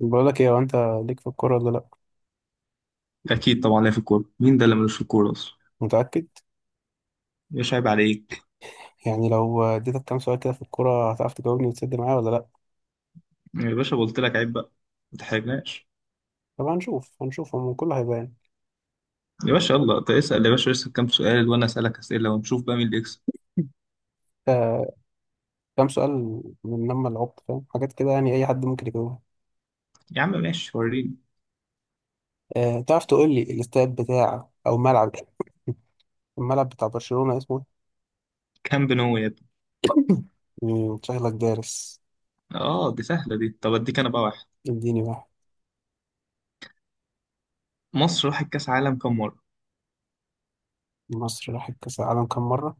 بقول لك ايه؟ هو انت ليك في الكوره ولا لا؟ اكيد طبعا ليا في الكوره. مين ده اللي ملوش في الكوره اصلا؟ متاكد؟ يا باشا عيب عليك. يعني لو اديتك كام سؤال كده في الكوره هتعرف تجاوبني وتسد معايا ولا لا؟ يا باشا قلت لك عيب بقى، ما تحرجناش. طب هنشوف هو كله هيبان. يا باشا يلا، انت اسال يا باشا، اسال كام سؤال وانا اسالك اسئله ونشوف بقى مين اللي يكسب. آه كام سؤال؟ من لما لعبت فاهم حاجات كده، يعني اي حد ممكن يجاوبها. يا عم ماشي، وريني. تعرف تقول لي الاستاد بتاع او ملعب، الملعب بتاع برشلونه اسمه إيه؟ كام بنو يا ابني. شكلك دارس. اه دي سهله دي، طب اديك انا بقى واحد. اديني بقى. مصر راحت كاس عالم كام مره؟ مصر راحت كاس العالم كام مره؟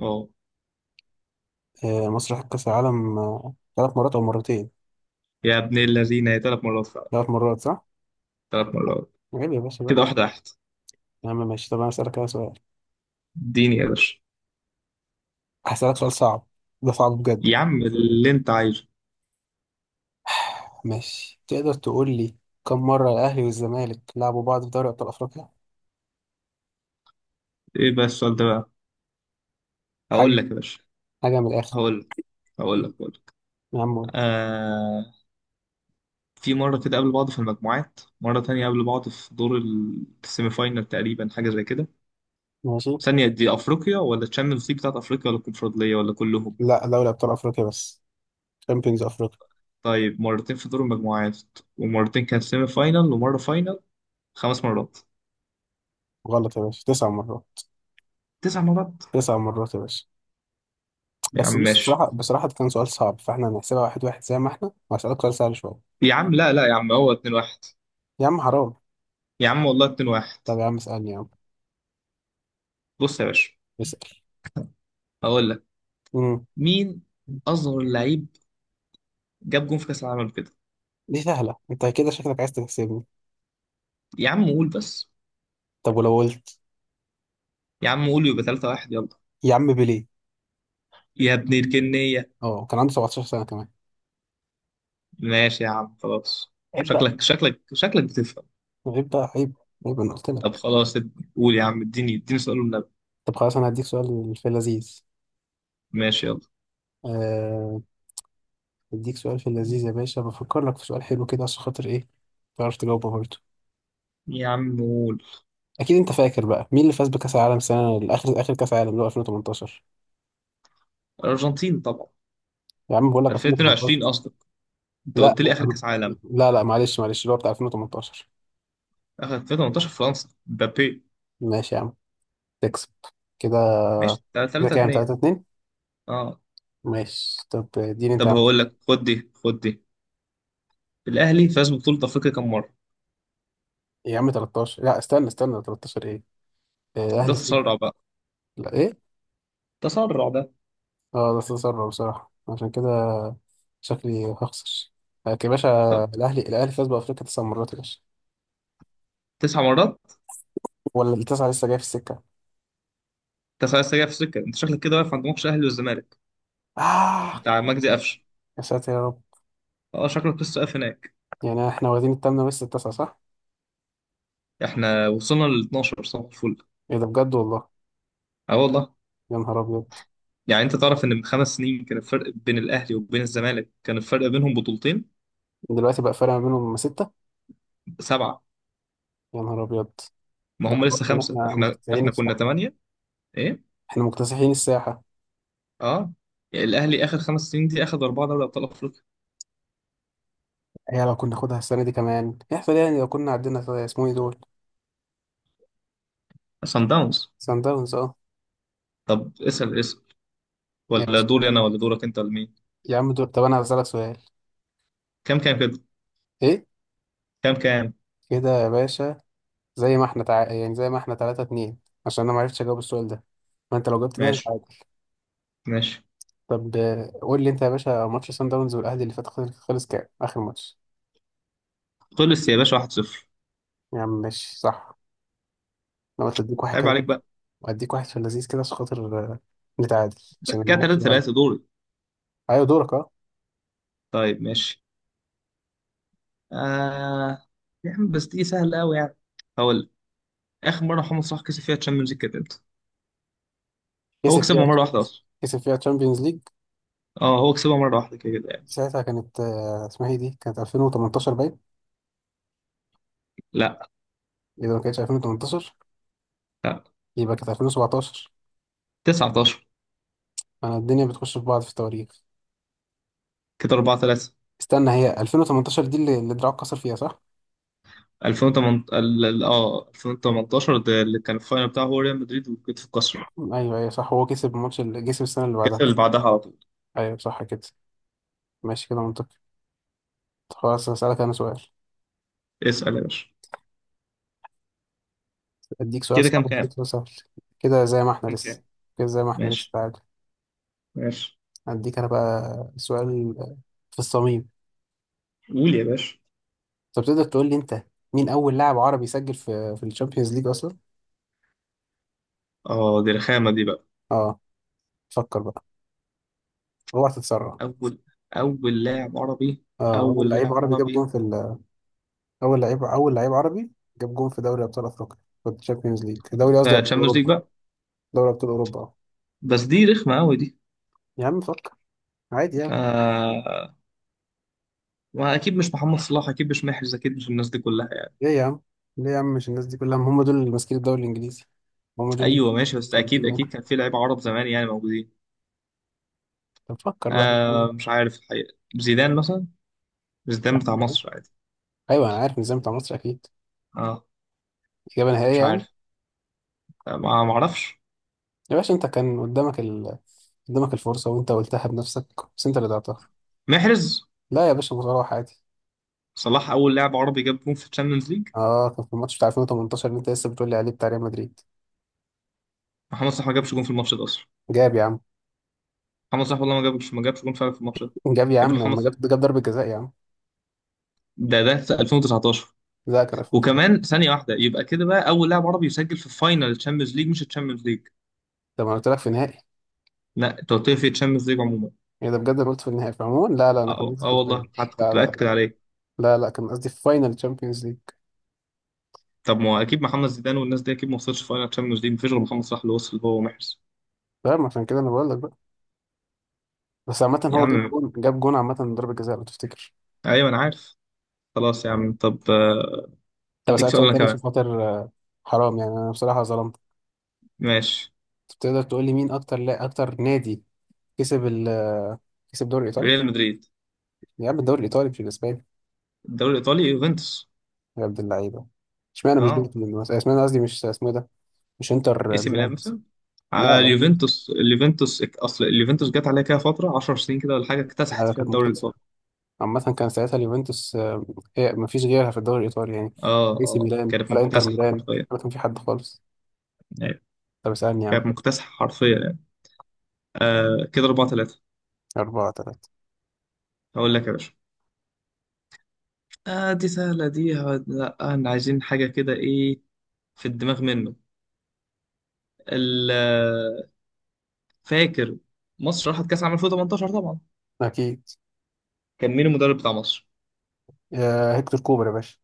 اه آه، مصر راحت كاس العالم، 3 مرات او مرتين. يا ابن الذين، هي ثلاث مرات فعلا، 3 مرات، صح. ثلاث مرات، عيب يا باشا كده بقى. واحده واحده. يا عم ماشي، طب انا اسالك كده سؤال. اديني يا باشا هسألك سؤال صعب، ده صعب بجد. يا عم اللي انت عايزه. ماشي، تقدر تقول لي، كم مرة الأهلي والزمالك لعبوا بعض في دوري أبطال أفريقيا؟ ايه بقى السؤال ده بقى؟ هقول حاجة، لك يا باشا. حاجة من الآخر. هقول لك هقول لك. يا عم قول. آه، في مرة كده قابلوا بعض في المجموعات، مرة تانية قابلوا بعض في دور السيمي فاينال تقريبا، حاجة زي كده. ماشي، ثانية، دي أفريقيا ولا تشامبيونز ليج بتاعت أفريقيا ولا الكونفدرالية ولا كلهم؟ لا دوري أبطال أفريقيا بس، شامبيونز أفريقيا. طيب، مرتين في دور المجموعات، ومرتين كان سيمي فاينال، ومرة فاينال، خمس مرات. غلط يا باشا، 9 مرات. تسع مرات؟ 9 مرات يا باشا. يا عم بس بص، ماشي بصراحة ده كان سؤال صعب، فاحنا هنحسبها واحد واحد زي ما احنا، وهسألك سؤال سهل شوية. يا عم، لا لا يا عم هو 2-1. يا عم حرام. يا عم والله 2-1. طب يا عم اسألني. يا عم بص يا باشا، اسأل. هقول لك. امم مين أصغر لعيب جاب جون في كأس العالم كده؟ دي سهلة، انت كده شكلك عايز تكسبني. يا عم قول بس. طب ولو قلت؟ يا عم قول، يبقى 3-1. يلا يا عم بيليه. يا ابن الجنية. اه، كان عنده 17 سنة كمان. ماشي يا عم خلاص. عيب بقى، شكلك بتفهم. من غير بقى عيب. عيب، انا قلت طب لك. خلاص، قول يا عم، اديني اديني سؤال النبي. طب خلاص، انا هديك سؤال في اللذيذ. ماشي يلا. آه، هديك سؤال في اللذيذ يا باشا، بفكر لك في سؤال حلو كده عشان خاطر تعرف تجاوبه برضه. يا عم قول. اكيد انت فاكر بقى مين اللي فاز بكاس العالم سنه الاخر، اخر كاس العالم اللي هو 2018. الأرجنتين طبعا. يا عم بقول لك 2018. 2022 قصدك؟ انت لا قلت لي آخر كأس عالم. لا لا، معلش معلش، اللي هو بتاع 2018. آخر 2018 فرنسا، مبابي. ماشي يا عم، تكسب كده. ماشي كده 3 كام؟ 2 3-2. اه ماشي طب اديني انت يا طب عم. هقول لك، خد دي خد دي. الأهلي فاز ببطولة أفريقيا كام مرة؟ يا عم 13، لا استنى استنى، 13 ايه؟ ده الاهلي فين؟ تسرع بقى، لا ايه؟ تسرع ده. اه، ده استثمر بصراحة، عشان كده شكلي هخسر. لكن يا باشا، طب الأهلي فاز بأفريقيا 9 مرات يا باشا، تسع مرات؟ ولا التسعة لسه جاية في السكة؟ انت خلاص جاي في سكة، انت شكلك كده واقف عند ماتش الأهلي والزمالك آه بتاع مجدي قفشه. يا ساتر يا رب. اه شكلك لسه واقف هناك. يعني احنا واخدين التامنة ولسه التاسعة، صح؟ احنا وصلنا ل 12 صباح الفل. ايه ده بجد والله؟ اه والله. يا نهار أبيض. يعني انت تعرف ان من خمس سنين كان الفرق بين الاهلي وبين الزمالك، كان الفرق بينهم بطولتين؟ دلوقتي بقى فرق ما بينهم ستة. سبعه. يا نهار أبيض. ما ده هم خلاص لسه إن خمسه، احنا احنا مكتسحين احنا كنا الساحة. ثمانيه. ايه؟ احنا مكتسحين الساحة. اه. الاهلي اخر خمس سنين دي اخد اربعه دوري ابطال افريقيا. هي لو كنا ناخدها السنة دي كمان يحصل إيه يعني؟ لو كنا عدينا، اسمه ايه دول؟ صن داونز. سان داونز، اه. طب اسال اسال، يا ولا باشا. دوري انا ولا دورك انت ولا مين؟ يا عم دول، طب أنا هسألك سؤال. كام كام كده؟ ايه كام كام؟ كده يا باشا؟ زي ما احنا يعني زي ما احنا 3-2. عشان انا ما عرفتش اجاوب السؤال ده، ما انت لو جبت ده انت ماشي عادي. ماشي. طب قول لي انت يا باشا، ماتش سان داونز والاهلي اللي فات خلص، خلص كام اخر ماتش؟ خلص يا باشا 1-0. يا عم ماشي، صح. انا قلت اديك واحد عيب كده، عليك بقى. واديك واحد في اللذيذ كده عشان خاطر نتعادل، بس عشان كده الماتش ده غلط. 3-3 دوري. ايوه دورك، اه. طيب ماشي. آه يا عم بس دي سهله قوي يعني. هقول: اخر مره محمد صلاح كسب فيها تشامبيونز ليج كانت امتى؟ هو كسب فيها، كسبها مره واحده اصلا. كسب فيها تشامبيونز ليج؟ اه هو كسبها مره واحده كده كده يعني. ساعتها كانت، اسمها ايه دي، كانت 2018 باين. لا اذا ما كانتش 2018 لا يبقى كانت 2017. 19. انا الدنيا بتخش في بعض في التواريخ. كده 4-3. استنى، هي 2018 دي اللي دراعه اتكسر فيها، صح؟ 2018 اه، 2018 ده اللي كان الفاينل بتاعه هو ريال مدريد وكتف القصر. ايوه ايوه صح، هو كسب الماتش اللي كسب السنه اللي الكاس بعدها. اللي بعدها على طول. ايوه صح كده. ماشي كده منطقي. خلاص هسألك انا سؤال، اسال يا باشا. اديك سؤال كده كام صعب كام؟ اديك سؤال سهل. كده زي ما احنا كام لسه، كام؟ كده زي ما احنا لسه ماشي تعادل. ماشي. اديك انا بقى سؤال في الصميم. قول يا باشا. طب تقدر تقول لي انت، مين اول لاعب عربي سجل في الشامبيونز ليج اصلا؟ اه دي رخامه دي بقى. اه فكر بقى، اوعى تتسرع. اول اول لاعب عربي اه، اول اول لعيب لاعب عربي جاب جون عربي في اول لعيب، اول لعيب عربي جاب جون في دوري ابطال افريقيا، في الشامبيونز ليج، دوري قصدي في ابطال تشامبيونز ليج اوروبا. بقى. دوري ابطال اوروبا، اه. بس دي رخمه قوي دي. يا عم فكر، عادي يعني. آه، ما اكيد مش محمد صلاح، اكيد مش محرز، اكيد مش الناس دي كلها يعني. ليه يا عم؟ ليه يا عم؟ مش الناس دي كلها هم دول اللي ماسكين الدوري الانجليزي، هم دول اللي ايوه ماشي، بس اكيد بيجيبوا يعني. اكيد كان في لعيبه عرب زمان يعني موجودين. طب فكر بقى. آه مش عارف الحقيقه، زيدان مثلا. زيدان بتاع مصر عادي. ايوه انا عارف النظام بتاع مصر، اكيد. اه اجابه نهائيه مش يعني؟ عارف. آه، ما اعرفش. يا باشا انت كان قدامك قدامك الفرصه وانت قلتها بنفسك، بس انت اللي ضيعتها. محرز. لا يا باشا، مصارعه عادي. صلاح اول لاعب عربي جاب جون في الشامبيونز ليج. اه، كان في الماتش بتاع 2018 اللي انت لسه بتقول لي عليه بتاع ريال مدريد. محمد صلاح ما جابش جون في الماتش ده اصلا. جاب يا عم. محمد صلاح والله ما جابش ما جابش جون فعلا في الماتش ده. جاب يا يا ابني عم، محمد لما صلاح جاب، جاب ضربه جزاء يا عم. ده في 2019. لا كان 2018. وكمان ثانيه واحده، يبقى كده بقى اول لاعب عربي يسجل في فاينل الشامبيونز ليج، مش الشامبيونز ليج. طب انا قلت لك في النهائي. لا، انت قلت لي في الشامبيونز ليج عموما. ايه ده بجد؟ انا قلت في النهائي، فعموما لا لا، انا كان اه. قصدي في آه والله، الفاينل. حتى لا كنت لا باكد لا، عليه. لا لا كان قصدي في فاينل تشامبيونز ليج. طب ما هو اكيد محمد زيدان والناس دي اكيد ما وصلش فاينل تشامبيونز ليج، مفيش غير محمد صلاح اللي وصل هو ومحرز. فاهم، عشان كده انا بقول لك بقى. بس عامة يا هو جاب عم، جون، جاب جون عامة من ضربة جزاء لو تفتكر. ايوه انا عارف. خلاص يا عم. طب، طب اديك اسألك سؤال سؤال انا تاني كمان. عشان خاطر حرام، يعني انا بصراحة ظلمت. ماشي. تقدر تقول لي مين اكتر، لا اكتر نادي كسب ال آه، كسب الدوري الايطالي؟ ريال مدريد. يا عم الدوري الايطالي مش الاسباني. الدوري الايطالي يوفنتوس. يا عبد اللعيبة. اشمعنى مش اه دورتموند مثلا، اشمعنى قصدي مش اسمه إيه ده، مش اي انتر سي ميلان ميلان بس. مثلا. لا، اليوفنتوس اصل اليوفنتوس جت عليها كده فتره 10 سنين كده ولا حاجه، اكتسحت فيها كانت الدوري مكتسحة. الايطالي. عامة كان ساعتها اليوفنتوس، هي مفيش غيرها في الدوري الايطالي يعني. اه اي سي اه ميلان كانت ولا انتر مكتسحه ميلان حرفيا. ولا كان في حد خالص. أيوة. طب اسألني يا عم. كانت مكتسحه حرفيا يعني. آه كده 4-3. أربعة تلاتة. هقول لك يا باشا. آه دي سهلة دي، لا احنا عايزين حاجة كده. ايه في الدماغ منه. ال- فاكر مصر راحت كأس عام 2018 طبعا؟ أكيد. كان مين المدرب بتاع مصر؟ يا هيكتور كوبر يا باشا.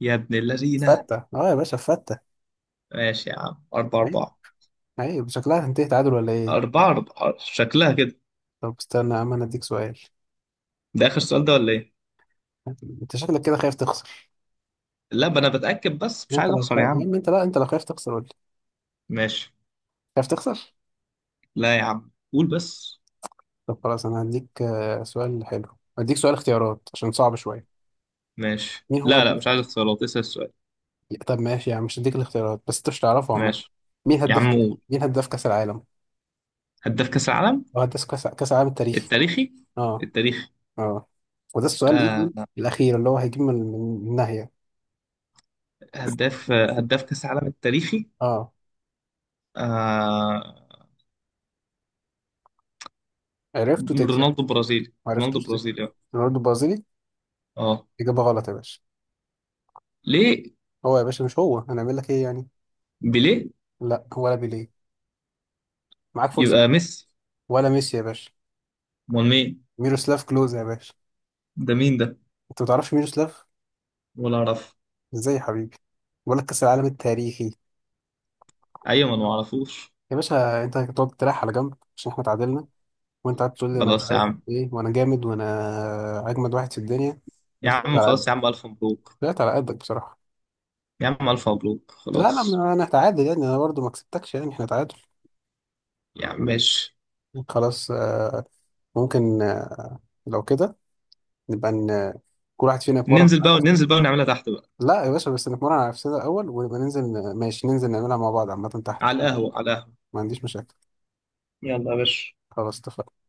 يا ابن اللذينة. فتة، اه يا باشا فتة. ماشي يا عم، أربعة عيب، أربعة. عيب. شكلها هتنتهي تعادل ولا ايه؟ أربعة أربعة شكلها كده. طب استنى يا عم انا اديك سؤال. ده آخر سؤال ده ولا إيه؟ انت شكلك كده خايف تخسر. لا بقى، أنا بتأكد بس، مش يعني انت عايز لو أخسر يا خايف يا عم. عم، انت لا، انت لو خايف تخسر قول لي ماشي. خايف تخسر. لا يا عم قول بس. طب خلاص انا هديك سؤال حلو، هديك سؤال اختيارات عشان صعب شويه. ماشي. مين هو لا لا مش هدف، عايز اختيارات، اسأل السؤال. طب ماشي يا عم مش هديك الاختيارات، بس انت مش تعرفه عامه. ماشي مين يا هداف، عم قول. مين هداف كاس العالم، هداف كأس العالم او هداف كاس، كاس العالم التاريخي. التاريخي اه. التاريخي. اه وده السؤال ايه، آه. الاخير اللي هو هيجيب من النهايه. هداف كأس العالم التاريخي. اه، آه عرفته تكسب. رونالدو برازيلي، ما رونالدو عرفتوش ده، برازيلي. اه رونالدو البرازيلي. اه. إجابة غلط يا باشا. ليه؟ هو يا باشا مش هو، هنعمل لك إيه يعني؟ بيليه. لا ولا بيليه. معاك فرصة. يبقى ميسي. ولا ميسي يا باشا. امال مين؟ ميروسلاف كلوز يا باشا. ده مين ده؟ أنت ما تعرفش ميروسلاف؟ ولا اعرف. إزاي يا حبيبي، بقول لك كأس العالم التاريخي. ايوه ما أنا ما اعرفوش. يا باشا أنت هتقعد تريح على جنب عشان إحنا تعادلنا، وأنت قاعد تقول لي أنا مش خلاص يا عارف عم. إيه، وأنا جامد وأنا أجمد واحد في الدنيا. يا ما طلعت عم على خلاص قدك، يا عم، الف مبروك. طلعت على قدك بصراحة. يا عم الف مبروك لا لا، خلاص. ما أنا هتعادل يعني، أنا برضه ما كسبتكش يعني، إحنا تعادل. يا عم ماشي. خلاص ممكن لو كده نبقى كل واحد فينا يتمرن ننزل على بقى نفسه. ننزل بقى، ونعملها تحت بقى. لا يا باشا، بس نتمرن على نفسنا الأول ونبقى ننزل، ماشي ننزل نعملها مع بعض عامة تحت. على القهوة على القهوة. ما عنديش مشاكل. يلا يا باشا. خلاص اتفقنا.